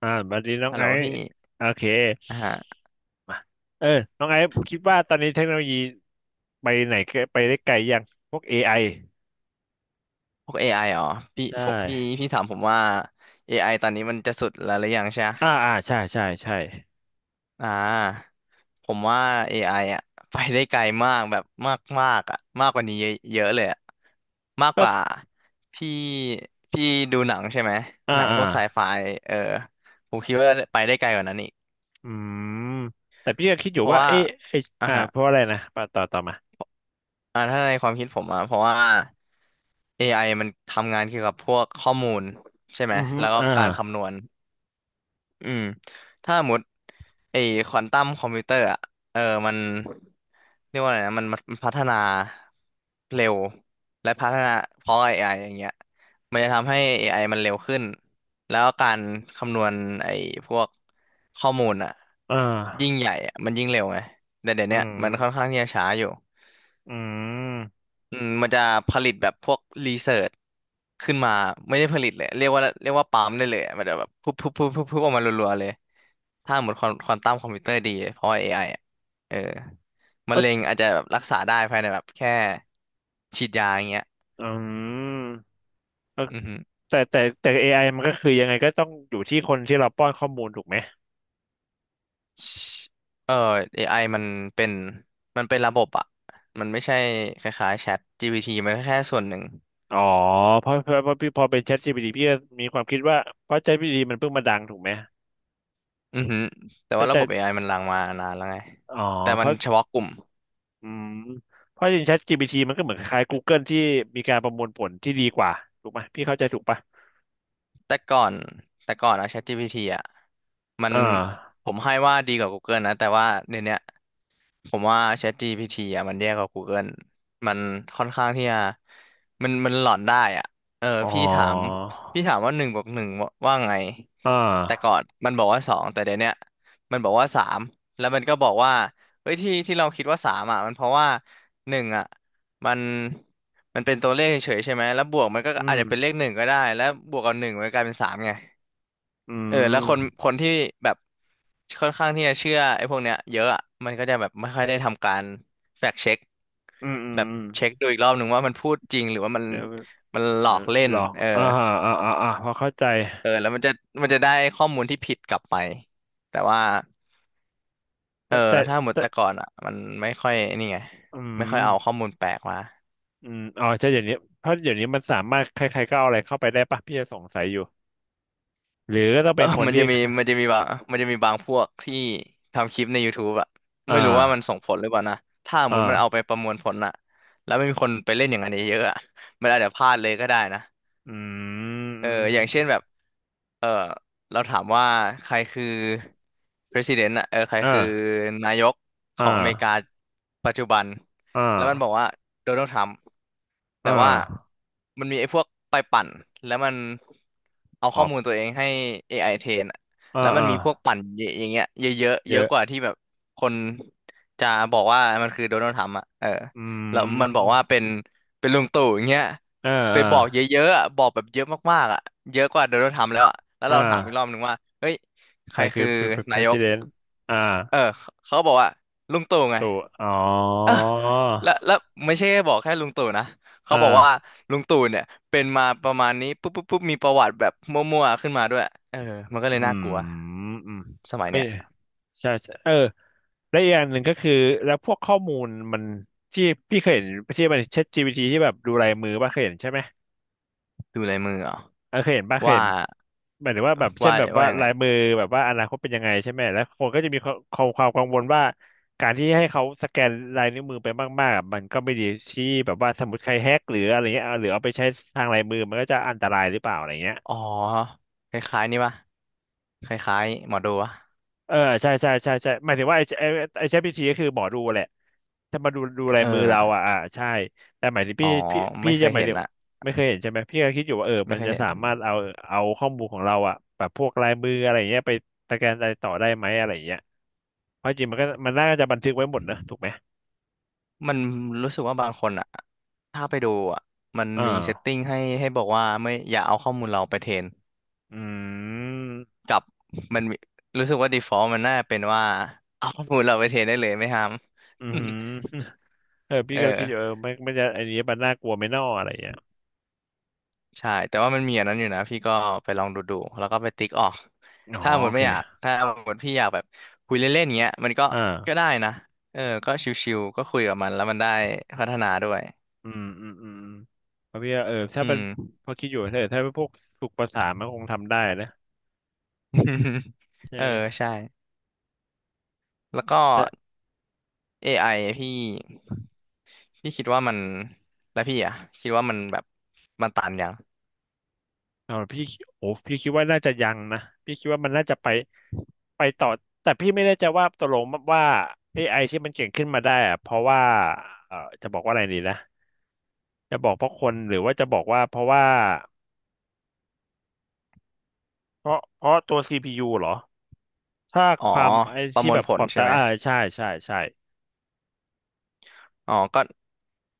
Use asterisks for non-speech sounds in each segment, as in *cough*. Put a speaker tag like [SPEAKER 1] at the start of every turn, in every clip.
[SPEAKER 1] บัดนี้น้อง
[SPEAKER 2] ฮัลโห
[SPEAKER 1] ไอ
[SPEAKER 2] ล
[SPEAKER 1] ซ์
[SPEAKER 2] พี่
[SPEAKER 1] โอเค
[SPEAKER 2] อ่าฮะ
[SPEAKER 1] มาเออน้องไอซ์คิดว่าตอนนี้เทคโนโลยีไปไหนไปได้ไกลยังพวก AI
[SPEAKER 2] พวก a ไออ๋อพี่
[SPEAKER 1] ใช
[SPEAKER 2] ผมพี่
[SPEAKER 1] ่
[SPEAKER 2] พี่ถามผมว่าเอไอตอนนี้มันจะสุดแล้วหรือยังใช่ไหม
[SPEAKER 1] ใช่ใช่ใช่
[SPEAKER 2] อ่าผมว่าเอไออ่ะ *laughs* ไปได้ไกลมากแบบมากมากอ่ะมากกว่านี้เยอะเยอะเลยอ่ะมากก
[SPEAKER 1] ก็
[SPEAKER 2] ว่าที่พี่ดูหนังใช่ไหม
[SPEAKER 1] อ่า
[SPEAKER 2] หนัง
[SPEAKER 1] อ่า
[SPEAKER 2] พวกไซไฟเออผมคิดว่าไปได้ไกลกว่านั้นอีก
[SPEAKER 1] อืมแต่พี่ก็คิดอ
[SPEAKER 2] เพ
[SPEAKER 1] ยู่
[SPEAKER 2] ราะ
[SPEAKER 1] ว่า
[SPEAKER 2] ว่า
[SPEAKER 1] เอ๊ะไอ
[SPEAKER 2] อ่าฮะ
[SPEAKER 1] เพราะอะไรนะปะต่อมา
[SPEAKER 2] อ่าถ้าในความคิดผมอ่ะเพราะว่า a อไอมันทำงานเกี่ยวกับพวกข้อมูลใช่ไหม
[SPEAKER 1] อือฮึ
[SPEAKER 2] แล้วก็การคำนวณ อืมถ้าสมมติไอ้ควอนตัมคอมพิวเตอร์อะเออมันเรียกว่าอะไรนะมันพัฒนาเร็วและพัฒนาเพราะ AI อไออย่างเงี้ยมันจะทำให้ AI มันเร็วขึ้นแล้วการคำนวณไอ้พวกข้อมูลอะ
[SPEAKER 1] อ่
[SPEAKER 2] ยิ่ง
[SPEAKER 1] า
[SPEAKER 2] ใหญ่อะมันยิ่งเร็วไงแต่เดี๋ยว
[SPEAKER 1] อื
[SPEAKER 2] เนี้ยมันค่อนข้าง
[SPEAKER 1] ม
[SPEAKER 2] ที่จะช้าอยู่
[SPEAKER 1] อืม
[SPEAKER 2] อืมมันจะผลิตแบบพวกรีเสิร์ชขึ้นมาไม่ได้ผลิตเลยเรียกว่าปั๊มได้เลยอะมันจะแบบพุบออกมารัวๆเลยถ้าเหมือนควอนตัมคอมพิวเตอร์ดีเพราะว่า AI อะเออมะ
[SPEAKER 1] ก็
[SPEAKER 2] เร็งอาจจะแบบรักษาได้ภายในแบบแค่ฉีดยาอย่างเงี้ย
[SPEAKER 1] อืมเออ
[SPEAKER 2] อือฮึ
[SPEAKER 1] แต่ AI มันก็คือยังไงก็ต้องอยู่ที่คนที่เราป้อนข้อมูลถูกไหม
[SPEAKER 2] เออ AI เป็นมันเป็นระบบอะมันไม่ใช่คล้ายๆแชท GPT มันก็แค่ส่วนหนึ่ง
[SPEAKER 1] อ๋อเพราะพี่พอเป็น ChatGPT พี่ก็มีความคิดว่าเพราะ ChatGPT มันเพิ่งมาดังถูกไหม
[SPEAKER 2] อือฮึแต่
[SPEAKER 1] แต่
[SPEAKER 2] ว่าระ
[SPEAKER 1] แต่
[SPEAKER 2] บบ AI มันลังมานานแล้วไง
[SPEAKER 1] อ๋อ
[SPEAKER 2] แต่
[SPEAKER 1] เพ
[SPEAKER 2] มัน
[SPEAKER 1] ราะ
[SPEAKER 2] เฉพาะกลุ่ม
[SPEAKER 1] อืมเพราะจริง ChatGPT มันก็เหมือนคล้ายๆ Google ที่มีการประมวลผลที่ดีกว่าถูกไหมพี่เข้าใจถูกปะ
[SPEAKER 2] แต่ก่อนแต่ก่อนอะ ChatGPT อะมัน
[SPEAKER 1] อ่า
[SPEAKER 2] ผมให้ว่าดีกว่า Google นะแต่ว่าเดี๋ยวเนี้ย ผมว่า ChatGPT อ่ะมันแย่กว่า Google มันค่อนข้างที่จะมันหลอนได้อ่ะเออ
[SPEAKER 1] อ๋อ
[SPEAKER 2] พี่ถามพี่ถามว่าหนึ่งบวกหนึ่งว่าไง
[SPEAKER 1] อ่
[SPEAKER 2] แต่ก่อ
[SPEAKER 1] า
[SPEAKER 2] นมันบอกว่าสองแต่เดี๋ยวเนี้ยมันบอกว่าสามแล้วมันก็บอกว่าเฮ้ยที่เราคิดว่าสามอ่ะมันเพราะว่าหนึ่งอ่ะมันมันเป็นตัวเลขเฉยๆใช่ไหมแล้วบวกมันก็
[SPEAKER 1] อื
[SPEAKER 2] อาจ
[SPEAKER 1] ม
[SPEAKER 2] จะเป็นเลขหนึ่งก็ได้แล้วบวกกับหนึ่งมันกลายเป็นสามไง
[SPEAKER 1] อื
[SPEAKER 2] เออแล้ว
[SPEAKER 1] ม
[SPEAKER 2] คนที่แบบค่อนข้างที่จะเชื่อไอ้พวกเนี้ยเยอะอะมันก็จะแบบไม่ค่อยได้ทำการแฟกเช็ค
[SPEAKER 1] อืมอืม
[SPEAKER 2] แบบ
[SPEAKER 1] อืม
[SPEAKER 2] เช็คดูอีกรอบหนึ่งว่ามันพูดจริงหรือว่ามัน
[SPEAKER 1] เดี๋ยว
[SPEAKER 2] มันหลอ
[SPEAKER 1] เดี๋ย
[SPEAKER 2] ก
[SPEAKER 1] ว
[SPEAKER 2] เล่น
[SPEAKER 1] ลอง
[SPEAKER 2] เออ
[SPEAKER 1] พอเข้าใจ
[SPEAKER 2] เออแล้วมันจะได้ข้อมูลที่ผิดกลับไปแต่ว่าเออ
[SPEAKER 1] แต่แต่
[SPEAKER 2] ถ้าหมด
[SPEAKER 1] แต่
[SPEAKER 2] แต่ก่อนอ่ะมันไม่ค่อยนี่ไง
[SPEAKER 1] อื
[SPEAKER 2] ไม่
[SPEAKER 1] ม
[SPEAKER 2] ค่อยเอาข้อมูลแปลกมา
[SPEAKER 1] อืมอ๋อใช่เดี๋ยวนี้เพราะเดี๋ยวนี้มันสามารถใครๆก็เอาอะไรเข้าไปได้ปะพี่จะสงสัยอยู่ หรือก็ต้อง
[SPEAKER 2] เอ
[SPEAKER 1] เป็
[SPEAKER 2] อ
[SPEAKER 1] นคน
[SPEAKER 2] มัน
[SPEAKER 1] ที่
[SPEAKER 2] จะมีมันจะมีบางมันจะมีบางพวกที่ทำคลิปใน YouTube อะ
[SPEAKER 1] อ่
[SPEAKER 2] ไม่รู้ว่ามันส่
[SPEAKER 1] า
[SPEAKER 2] งผลหรือเปล่านะ ถ้าสมมติมันเอาไป
[SPEAKER 1] อ่า
[SPEAKER 2] ประมวลผลอะแล้วไม่มีคนไปเล่นอย่างนั้นเยอะๆอะมันอาจจะพลาดเลยก็ได้นะ
[SPEAKER 1] อื
[SPEAKER 2] เอออย่างเช่น
[SPEAKER 1] ม
[SPEAKER 2] แบบเออเราถามว่าใครคือ president อะเออใคร
[SPEAKER 1] อ่า
[SPEAKER 2] คือนายกข
[SPEAKER 1] อ่า
[SPEAKER 2] องอเมริกาปัจจุบัน
[SPEAKER 1] อ่
[SPEAKER 2] แล้วมันบอก
[SPEAKER 1] า
[SPEAKER 2] ว่าโดนัลด์ทรัมป์แต่
[SPEAKER 1] อ่า
[SPEAKER 2] ว่ามันมีไอ้พวกไปปั่น แล้วมันเอา
[SPEAKER 1] อ
[SPEAKER 2] ข้อ
[SPEAKER 1] อก
[SPEAKER 2] มูลตัวเองให้ AI เทรนอะ
[SPEAKER 1] อ่า
[SPEAKER 2] แล้วมัน
[SPEAKER 1] อ่า
[SPEAKER 2] มีพวกปั่นเยอย่างเงี้ยเยอะๆ
[SPEAKER 1] เย
[SPEAKER 2] เยอะ
[SPEAKER 1] อะ
[SPEAKER 2] กว่าที่แบบคนจะบอกว่ามันคือโดนัลด์ทรัมป์อะ
[SPEAKER 1] อื
[SPEAKER 2] แล้วมันบอก
[SPEAKER 1] ม
[SPEAKER 2] ว่าเป็นลุงตู่อย่างเงี้ย
[SPEAKER 1] อ่า
[SPEAKER 2] ไป
[SPEAKER 1] อ่า
[SPEAKER 2] บอกเยอะๆอะบอกแบบเยอะมากๆอ่ะเยอะกว่าโดนัลด์ทรัมป์แล้วอ่ะแล้ว
[SPEAKER 1] อ่
[SPEAKER 2] เราถามอีกรอบห
[SPEAKER 1] า
[SPEAKER 2] นึ่งว่าเฮ้ย
[SPEAKER 1] ใค
[SPEAKER 2] ใค
[SPEAKER 1] ร
[SPEAKER 2] ร
[SPEAKER 1] คือ
[SPEAKER 2] คือนายก
[SPEAKER 1] president อ่า
[SPEAKER 2] เออเขาบอกว่าลุงตู่ไง
[SPEAKER 1] ตัวอ๋อ
[SPEAKER 2] เออแล้วแล้วไม่ใช่แค่บอกแค่ลุงตู่นะเขา
[SPEAKER 1] อ่
[SPEAKER 2] บอกว่า
[SPEAKER 1] า
[SPEAKER 2] ลุงตู่เนี่ยเป็นมาประมาณนี้ปุ๊บปุ๊บปุ๊บมีประวัติแบบมั่วๆขึ้นมาด้วย เออมันก็เล
[SPEAKER 1] อื
[SPEAKER 2] ยน่า
[SPEAKER 1] ม
[SPEAKER 2] กลัว
[SPEAKER 1] อืม
[SPEAKER 2] สมัย
[SPEAKER 1] เอ้
[SPEAKER 2] เนี้
[SPEAKER 1] ย
[SPEAKER 2] ย
[SPEAKER 1] ใช่ใช่เออและอีกอย่างหนึ่งก็คือแล้วพวกข้อมูลมันที่พี่เคยเห็นที่มัน ChatGPT ที่แบบดูลายมือป่ะเคยเห็นใช่ไหม
[SPEAKER 2] ดูลายมือเหรอ
[SPEAKER 1] เออเคยเห็นป่ะเคย
[SPEAKER 2] ว่า
[SPEAKER 1] เห็นหมายถึงว่าแบบเช่
[SPEAKER 2] ว่า
[SPEAKER 1] นแบบว่า
[SPEAKER 2] ว่ายังไง
[SPEAKER 1] ลายมือแบบว่าอนาคตเป็นยังไงใช่ไหมแล้วคนก็จะมีความความกังวลว่าการที่ให้เขาสแกนลายนิ้วมือไปมากๆอะมันก็ไม่ดีที่แบบว่าสมมติใครแฮกหรืออะไรเงี้ยเอาหรือเอาไปใช้ทางลายมือมันก็จะอันตรายหรือเปล่าอะไรเงี้ย
[SPEAKER 2] อ๋อคล้ายๆนี่ปะคล้ายๆหมอดูวะ
[SPEAKER 1] เออใช่ใช่ใช่ใช่หมายถึงว่าไอ้ ChatGPT ก็คือหมอดูแหละจะมาดูลาย
[SPEAKER 2] เออ
[SPEAKER 1] มือเราอ่ะใช่แต่หมายถึง
[SPEAKER 2] อ๋
[SPEAKER 1] พี่
[SPEAKER 2] อ
[SPEAKER 1] พี่พี่
[SPEAKER 2] ไม่เค
[SPEAKER 1] จะ
[SPEAKER 2] ย
[SPEAKER 1] หมาย
[SPEAKER 2] เห็
[SPEAKER 1] ถึ
[SPEAKER 2] น
[SPEAKER 1] ง
[SPEAKER 2] อะ
[SPEAKER 1] ไม่เคยเห็นใช่ไหมพี่ก็คิดอยู่ว่าเออ
[SPEAKER 2] ไม่
[SPEAKER 1] มัน
[SPEAKER 2] เคย
[SPEAKER 1] จะ
[SPEAKER 2] เห็น
[SPEAKER 1] สามารถเอาเอาข้อมูลของเราอ่ะแบบพวกลายมืออะไรอย่างเงี้ยไปสแกนอะไรต่อได้ไหมอะไรอย่างเงี้ยเพราะจริงมันก็มันน่าจะบันทึกไว้หมดนะถูกไหม
[SPEAKER 2] มันรู้สึกว่าบางคนอ่ะถ้าไปดูอ่ะมัน
[SPEAKER 1] อ
[SPEAKER 2] มีเซต
[SPEAKER 1] ่า
[SPEAKER 2] ติ้งให้บอกว่าไม่อย่าเอาข้อมูลเราไปเทรน
[SPEAKER 1] อืม
[SPEAKER 2] กับมันมีรู้สึกว่า default มันน่าเป็นว่า *laughs* เอาข้อมูลเราไปเทรนได้เลยไม่ห้าม
[SPEAKER 1] อืม
[SPEAKER 2] *laughs*
[SPEAKER 1] เออ
[SPEAKER 2] เอ
[SPEAKER 1] พี่
[SPEAKER 2] อ
[SPEAKER 1] ก็คิดอยู่เออไม่ไม่จะไอ้นนี้มันน่ากลัวไหม่น่ออะไรอย่างเงี้ย
[SPEAKER 2] ใช่แต่ว่ามันมีอันนั้นอยู่นะพี่ก็ไปลองดูแล้วก็ไปติ๊กออก
[SPEAKER 1] อ๋อ
[SPEAKER 2] ถ้าหม
[SPEAKER 1] โอ
[SPEAKER 2] ด
[SPEAKER 1] เค
[SPEAKER 2] ไม่อยากถ้าหมดพี่อยากแบบคุยเล่นๆเงี้ยมันก็
[SPEAKER 1] อ่า
[SPEAKER 2] ก็ได้นะก็ชิวๆก็คุยกับมันแล้วมันได้พัฒนาด้วย
[SPEAKER 1] อืมอืมอืมเพราะพี่ว่าเออถ้า
[SPEAKER 2] อื
[SPEAKER 1] เป็น
[SPEAKER 2] ม
[SPEAKER 1] พอคิดอยู่ถ้าเป็นพวกฝึกภาษามันคงทำได้นะ
[SPEAKER 2] *laughs*
[SPEAKER 1] ใช่
[SPEAKER 2] เออ
[SPEAKER 1] ไหม
[SPEAKER 2] ใช่แล้วก็
[SPEAKER 1] แต่
[SPEAKER 2] AI พี่พี่คิดว่ามันแล้วพี่อ่ะคิดว่ามันแบบมันตันยัง
[SPEAKER 1] เอาพี่โอ้พี่คิดว่าน่าจะยังนะพี่คิดว่ามันน่าจะไปไปต่อแต่พี่ไม่แน่ใจว่าตกลงว่าเอไ i ที่มันเก่งขึ้นมาได้อะเพราะว่าเออจะบอกว่าอะไรดีนะจะบอกเพราะคนหรือว่าจะบอกว่าเพราะว่าเพราะตัวซี p ูเหรอถ้า
[SPEAKER 2] อ๋อ
[SPEAKER 1] ความไอ้
[SPEAKER 2] ประม
[SPEAKER 1] ที่
[SPEAKER 2] วล
[SPEAKER 1] แบบ
[SPEAKER 2] ผ
[SPEAKER 1] ค
[SPEAKER 2] ล
[SPEAKER 1] วาม
[SPEAKER 2] ใช่
[SPEAKER 1] ตา
[SPEAKER 2] ไหม
[SPEAKER 1] ใช่ใช่ใช่
[SPEAKER 2] อ๋อก็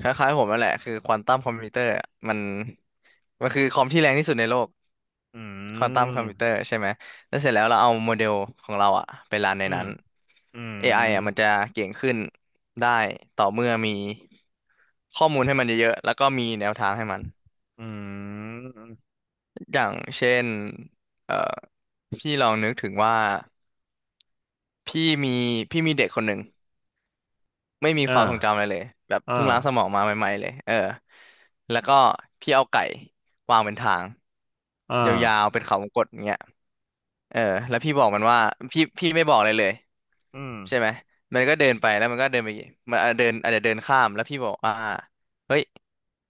[SPEAKER 2] คล้ายๆผมนั่นแหละคือควอนตัมคอมพิวเตอร์มันมันคือคอมที่แรงที่สุดในโลก
[SPEAKER 1] อื
[SPEAKER 2] ควอนตัมคอมพิวเตอร์
[SPEAKER 1] ม
[SPEAKER 2] ใช่ไหมแล้วเสร็จแล้วเราเอาโมเดลของเราอ่ะไปรันใน
[SPEAKER 1] อื
[SPEAKER 2] นั้
[SPEAKER 1] ม
[SPEAKER 2] น
[SPEAKER 1] อื
[SPEAKER 2] AI อไอ
[SPEAKER 1] ม
[SPEAKER 2] อะมันจะเก่งขึ้นได้ต่อเมื่อมีข้อมูลให้มันเยอะๆแล้วก็มีแนวทางให้มัน
[SPEAKER 1] อืม
[SPEAKER 2] อย่างเช่นเอ่อพี่ลองนึกถึงว่าพี่มีพี่มีเด็กคนหนึ่งไม่มี
[SPEAKER 1] อ่
[SPEAKER 2] ความทรงจำอะไร
[SPEAKER 1] า
[SPEAKER 2] เลยแบบ
[SPEAKER 1] อ่
[SPEAKER 2] เพิ่งล้างสมอ
[SPEAKER 1] า
[SPEAKER 2] งมาใหม่ๆเลยเออแล้วก็พี่เอาไก่วางเป็นทาง
[SPEAKER 1] อ่
[SPEAKER 2] ยาว
[SPEAKER 1] า
[SPEAKER 2] ๆเป็นเขาวงกตอย่างเงี้ยเออแล้วพี่บอกมันว่าพี่ไม่บอกอะไรเลย
[SPEAKER 1] อืม
[SPEAKER 2] ใช่ไหมมันก็เดินไปแล้วมันก็เดินไปมันอาจจะเดินอาจจะเดินข้ามแล้วพี่บอกว่าเฮ้ย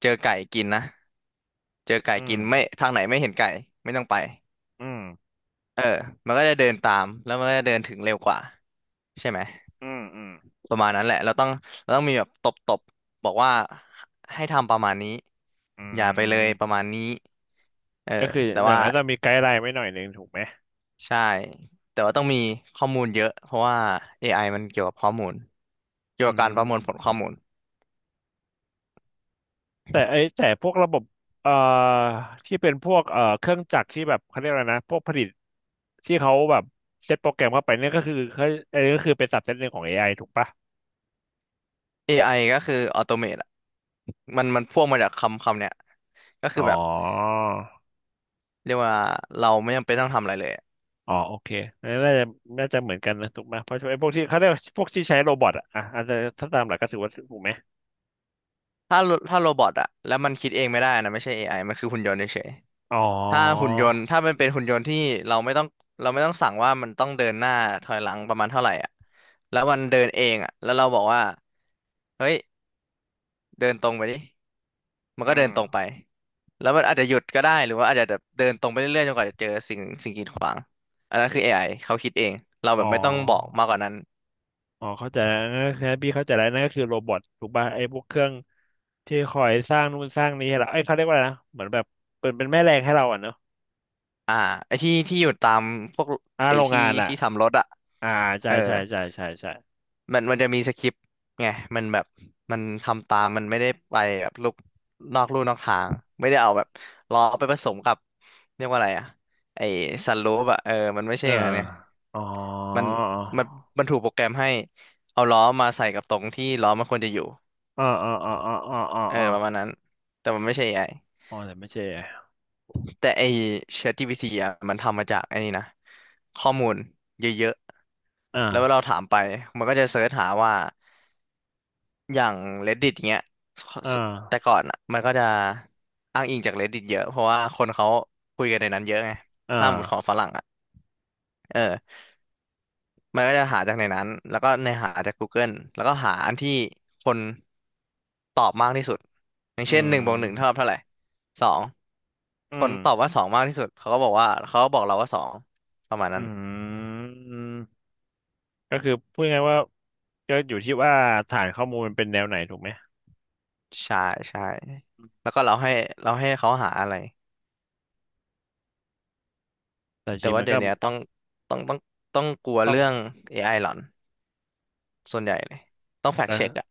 [SPEAKER 2] เจอไก่กินนะเจอไก่
[SPEAKER 1] อืม
[SPEAKER 2] กินไม่ทางไหนไม่เห็นไก่ไม่ต้องไป
[SPEAKER 1] อืม
[SPEAKER 2] เออมันก็จะเดินตามแล้วมันก็จะเดินถึงเร็วกว่าใช่ไหม
[SPEAKER 1] อืมอืม
[SPEAKER 2] ประมาณนั้นแหละเราต้องเราต้องมีแบบตบตบบอกว่าให้ทำประมาณนี้
[SPEAKER 1] อื
[SPEAKER 2] อย่าไปเลยประมา
[SPEAKER 1] ม
[SPEAKER 2] ณนี้เออ
[SPEAKER 1] ก็คือ
[SPEAKER 2] แต่
[SPEAKER 1] อย่าง
[SPEAKER 2] ว่า
[SPEAKER 1] ไรต้องมีไกด์ไลน์ไว้หน่อยหนึ่งถูกไหม
[SPEAKER 2] ใช่แต่ว่าต้องมีข้อมูลเยอะ เพราะว่า AI มันเกี่ยวกับข้อมูลเกี่ย
[SPEAKER 1] อื
[SPEAKER 2] วกับการประมวลผลข้อ
[SPEAKER 1] ม
[SPEAKER 2] มูล
[SPEAKER 1] แต่ไอ้แต่พวกระบบเอ่อที่เป็นพวกเครื่องจักรที่แบบเขาเรียกอะไรนะพวกผลิตที่เขาแบบเซตโปรแกรมเข้าไปเนี่ยก็คือเขาไอ้ก็คือเป็นสับเซตหนึ่งของเอไอถูกปะ
[SPEAKER 2] AI ก็คือออโตเมตอะมันพ่วงมาจากคำคำเนี้ยก็คื
[SPEAKER 1] อ๋
[SPEAKER 2] อ
[SPEAKER 1] อ
[SPEAKER 2] แบบเรียกว่าเราไม่จำเป็นต้องทำอะไรเลย
[SPEAKER 1] อ๋อโอเคอันนี้น่าจะน่าจะเหมือนกันนะถูกไหมเพราะไอ้พวกที่เขาเรียกว่าพวกที่ใช้โรบอทอะอ่ะอาจจะถ้าตามหลักก็ถือว่าถูกไหม
[SPEAKER 2] ถ้าถ้าโรบอทอะแล้วมันคิดเองไม่ได้นะไม่ใช่ AI มันคือหุ่นยนต์เฉย
[SPEAKER 1] อ๋อ
[SPEAKER 2] ถ้าหุ่นยนต์ถ้ามันเป็นหุ่นยนต์ที่เราไม่ต้องเราไม่ต้องสั่งว่ามันต้องเดินหน้าถอยหลังประมาณเท่าไหร่อ่ะแล้วมันเดินเองอ่ะแล้วเราบอกว่าเฮ้ยเดินตรงไปดิมันก็
[SPEAKER 1] อื
[SPEAKER 2] เดิ
[SPEAKER 1] ม
[SPEAKER 2] นตรงไปแล้วมันอาจจะหยุดก็ได้หรือว่าอาจจะแบบเดินตรงไปเรื่อยๆจนกว่าจะเจอสิ่งกีดขวางอันนั้นคือ a อไอเขาคิดเองเรา
[SPEAKER 1] อ๋
[SPEAKER 2] แบบไม่ต้องบอก
[SPEAKER 1] อ
[SPEAKER 2] มากกว่านั้น
[SPEAKER 1] อ๋อเข้าใจแล้วนั่นก็คือพี่เข้าใจแล้วนั่นก็คือโรบอทถูกป่ะไอ้พวกเครื่องที่คอยสร้างนู่นสร้างนี้ให้เราไอ้ยเขาเรียกว่าอะไรนะเหมือนแบบเป็นเป็นแม่แรงให้เราอ่ะเนอะ
[SPEAKER 2] อ่าไอ้ที่อยู่ตามพวกไอ้
[SPEAKER 1] โรง
[SPEAKER 2] ที่
[SPEAKER 1] งานอ่ะ
[SPEAKER 2] ที่ทำรถอ่ะ
[SPEAKER 1] อ่าใช่
[SPEAKER 2] เออ
[SPEAKER 1] ใช่ใช่ใช่ใช่
[SPEAKER 2] มันมันจะมีสคริปต์ไงมันแบบมันทำตามมันไม่ได้ไปแบบลุกนอกลู่นอกทางไม่ได้เอาแบบล้อไปผสมกับเรียกว่าอะไรอะไอสันลูปอะเออมันไม่ใช่
[SPEAKER 1] เออ
[SPEAKER 2] อย่างนั้นเนี่ย
[SPEAKER 1] อ๋อ
[SPEAKER 2] มันมันมันถูกโปรแกรมให้เอาล้อมาใส่กับตรงที่ล้อมันควรจะอยู่
[SPEAKER 1] อ๋ออ๋ออ๋ออ๋ออ๋อ
[SPEAKER 2] เออ
[SPEAKER 1] อ๋อ
[SPEAKER 2] ประมาณนั้นแต่มันไม่ใช่เอไ i
[SPEAKER 1] อ๋อแต่ไม่ใช่
[SPEAKER 2] แต่ไอ ChatGPT อะมันทำมาจากไอ้นี่นะข้อมูลเยอะๆแล้วเวลา
[SPEAKER 1] อ่า
[SPEAKER 2] เราถามไปมันก็จะเสิร์ชหาว่า อย่าง Reddit อย่างเงี้ย
[SPEAKER 1] อ่
[SPEAKER 2] แต่
[SPEAKER 1] า
[SPEAKER 2] ก่อนอ่ะมันก็จะอ้างอิงจาก Reddit เยอะเพราะว่าคนเขาคุยกันในนั้นเยอะไง
[SPEAKER 1] อ่
[SPEAKER 2] ถ้าหมุดของ
[SPEAKER 1] า
[SPEAKER 2] ฝรั่งอ่ะเออมันก็จะหาจากในนั้นแล้วก็ในหาจาก Google แล้วก็หาอันที่คนตอบมากที่สุดอย่าง
[SPEAKER 1] อื
[SPEAKER 2] เช่นหนึ่งบวกหนึ่งเท่ากับ
[SPEAKER 1] ม
[SPEAKER 2] เท่าไหร่สอง
[SPEAKER 1] อื
[SPEAKER 2] คน
[SPEAKER 1] ม
[SPEAKER 2] ตอบว่าสองมากที่สุดเขาก็บอกว่าเขาก็บอกเราว่าสองประมาณ
[SPEAKER 1] อื
[SPEAKER 2] นั้น
[SPEAKER 1] มก็คือพูดง่ายๆว่าก็อยู่ที่ว่าฐานข้อมูลมันเป็นแนวไหนถูกไหม
[SPEAKER 2] ใช่ใช่แล้วก็เราให้เราให้เขาหาอะไร
[SPEAKER 1] แต่จ
[SPEAKER 2] แต่
[SPEAKER 1] ริง
[SPEAKER 2] ว่า
[SPEAKER 1] มัน
[SPEAKER 2] เดี๋ย
[SPEAKER 1] ก็
[SPEAKER 2] วเนี้ยต้องต้องต้องต้องกลัว
[SPEAKER 1] ต้อง
[SPEAKER 2] เรื่อง AI หลอนส่วนใหญ่เลยต้องแฟกเช็คอะ
[SPEAKER 1] นะ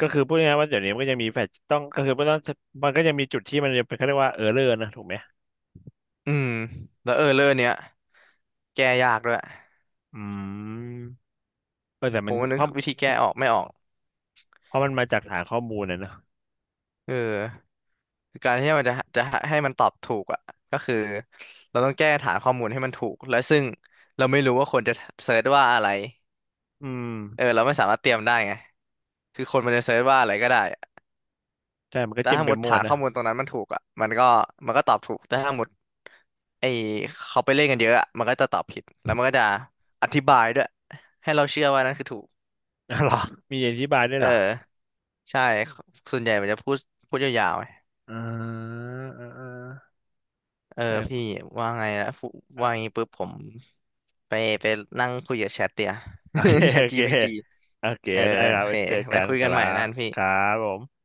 [SPEAKER 1] ก็คือพูดง่ายๆว่าเดี๋ยวนี้มันก็จะมีแฟลชต้องก็คือมันต้องมันก็จะมีจุดที่มันจะเป็นเขาเรียกว่าเออร์เรอร์นะถูกไหม
[SPEAKER 2] อืมแล้วเออเรื่องเนี้ยแก้ยากด้วย
[SPEAKER 1] อืมเออแต่
[SPEAKER 2] ผ
[SPEAKER 1] มัน
[SPEAKER 2] มว่า
[SPEAKER 1] เพ
[SPEAKER 2] นึก
[SPEAKER 1] ราะ
[SPEAKER 2] วิธีแก้ออกไม่ออก
[SPEAKER 1] เพราะมันมาจากฐานข้อมูลนะเนอะ
[SPEAKER 2] เออคือการที่มันจะให้มันตอบถูกอะก็คือเราต้องแก้ฐานข้อมูลให้มันถูกและซึ่งเราไม่รู้ว่าคนจะเซิร์ชว่าอะไร
[SPEAKER 1] อืม
[SPEAKER 2] เออเราไม่สามารถเตรียมได้ไงคือคนมันจะเซิร์ชว่าอะไรก็ได้
[SPEAKER 1] ใช่มันก็
[SPEAKER 2] แต่
[SPEAKER 1] จิ้ม
[SPEAKER 2] ถ้า
[SPEAKER 1] ไป
[SPEAKER 2] หมด
[SPEAKER 1] มั่ว
[SPEAKER 2] ฐาน
[SPEAKER 1] นะ
[SPEAKER 2] ข้อมูลตรงนั้นมันถูกอ่ะมันก็ตอบถูกแต่ถ้าหมดไอเขาไปเล่นกันเยอะอะมันก็จะตอบผิดแล้วมันก็จะอธิบายด้วยให้เราเชื่อว่านั่นคือถูก
[SPEAKER 1] *laughs* อ๋อเหรอมีอธิบายด้วย
[SPEAKER 2] เอ
[SPEAKER 1] เหรอ
[SPEAKER 2] อใช่ส่วนใหญ่มันจะพูดพูดยาวๆไง
[SPEAKER 1] อ่าอ่าอ่า
[SPEAKER 2] เออพี่
[SPEAKER 1] เออ
[SPEAKER 2] ว่าไงนะพูว่างี้ปุ๊บผมไปไปนั่งคุยกับแชทเดียว
[SPEAKER 1] โอเค
[SPEAKER 2] *laughs* แชท
[SPEAKER 1] โอเค
[SPEAKER 2] GPT
[SPEAKER 1] โอเค
[SPEAKER 2] เออ
[SPEAKER 1] ได้ค
[SPEAKER 2] โอ
[SPEAKER 1] รับ
[SPEAKER 2] เค
[SPEAKER 1] ไว้เจอ
[SPEAKER 2] ไว้
[SPEAKER 1] กัน
[SPEAKER 2] คุย
[SPEAKER 1] ค
[SPEAKER 2] กัน
[SPEAKER 1] รั
[SPEAKER 2] ใหม่แล้ว
[SPEAKER 1] บ
[SPEAKER 2] กันพี่
[SPEAKER 1] ครับผม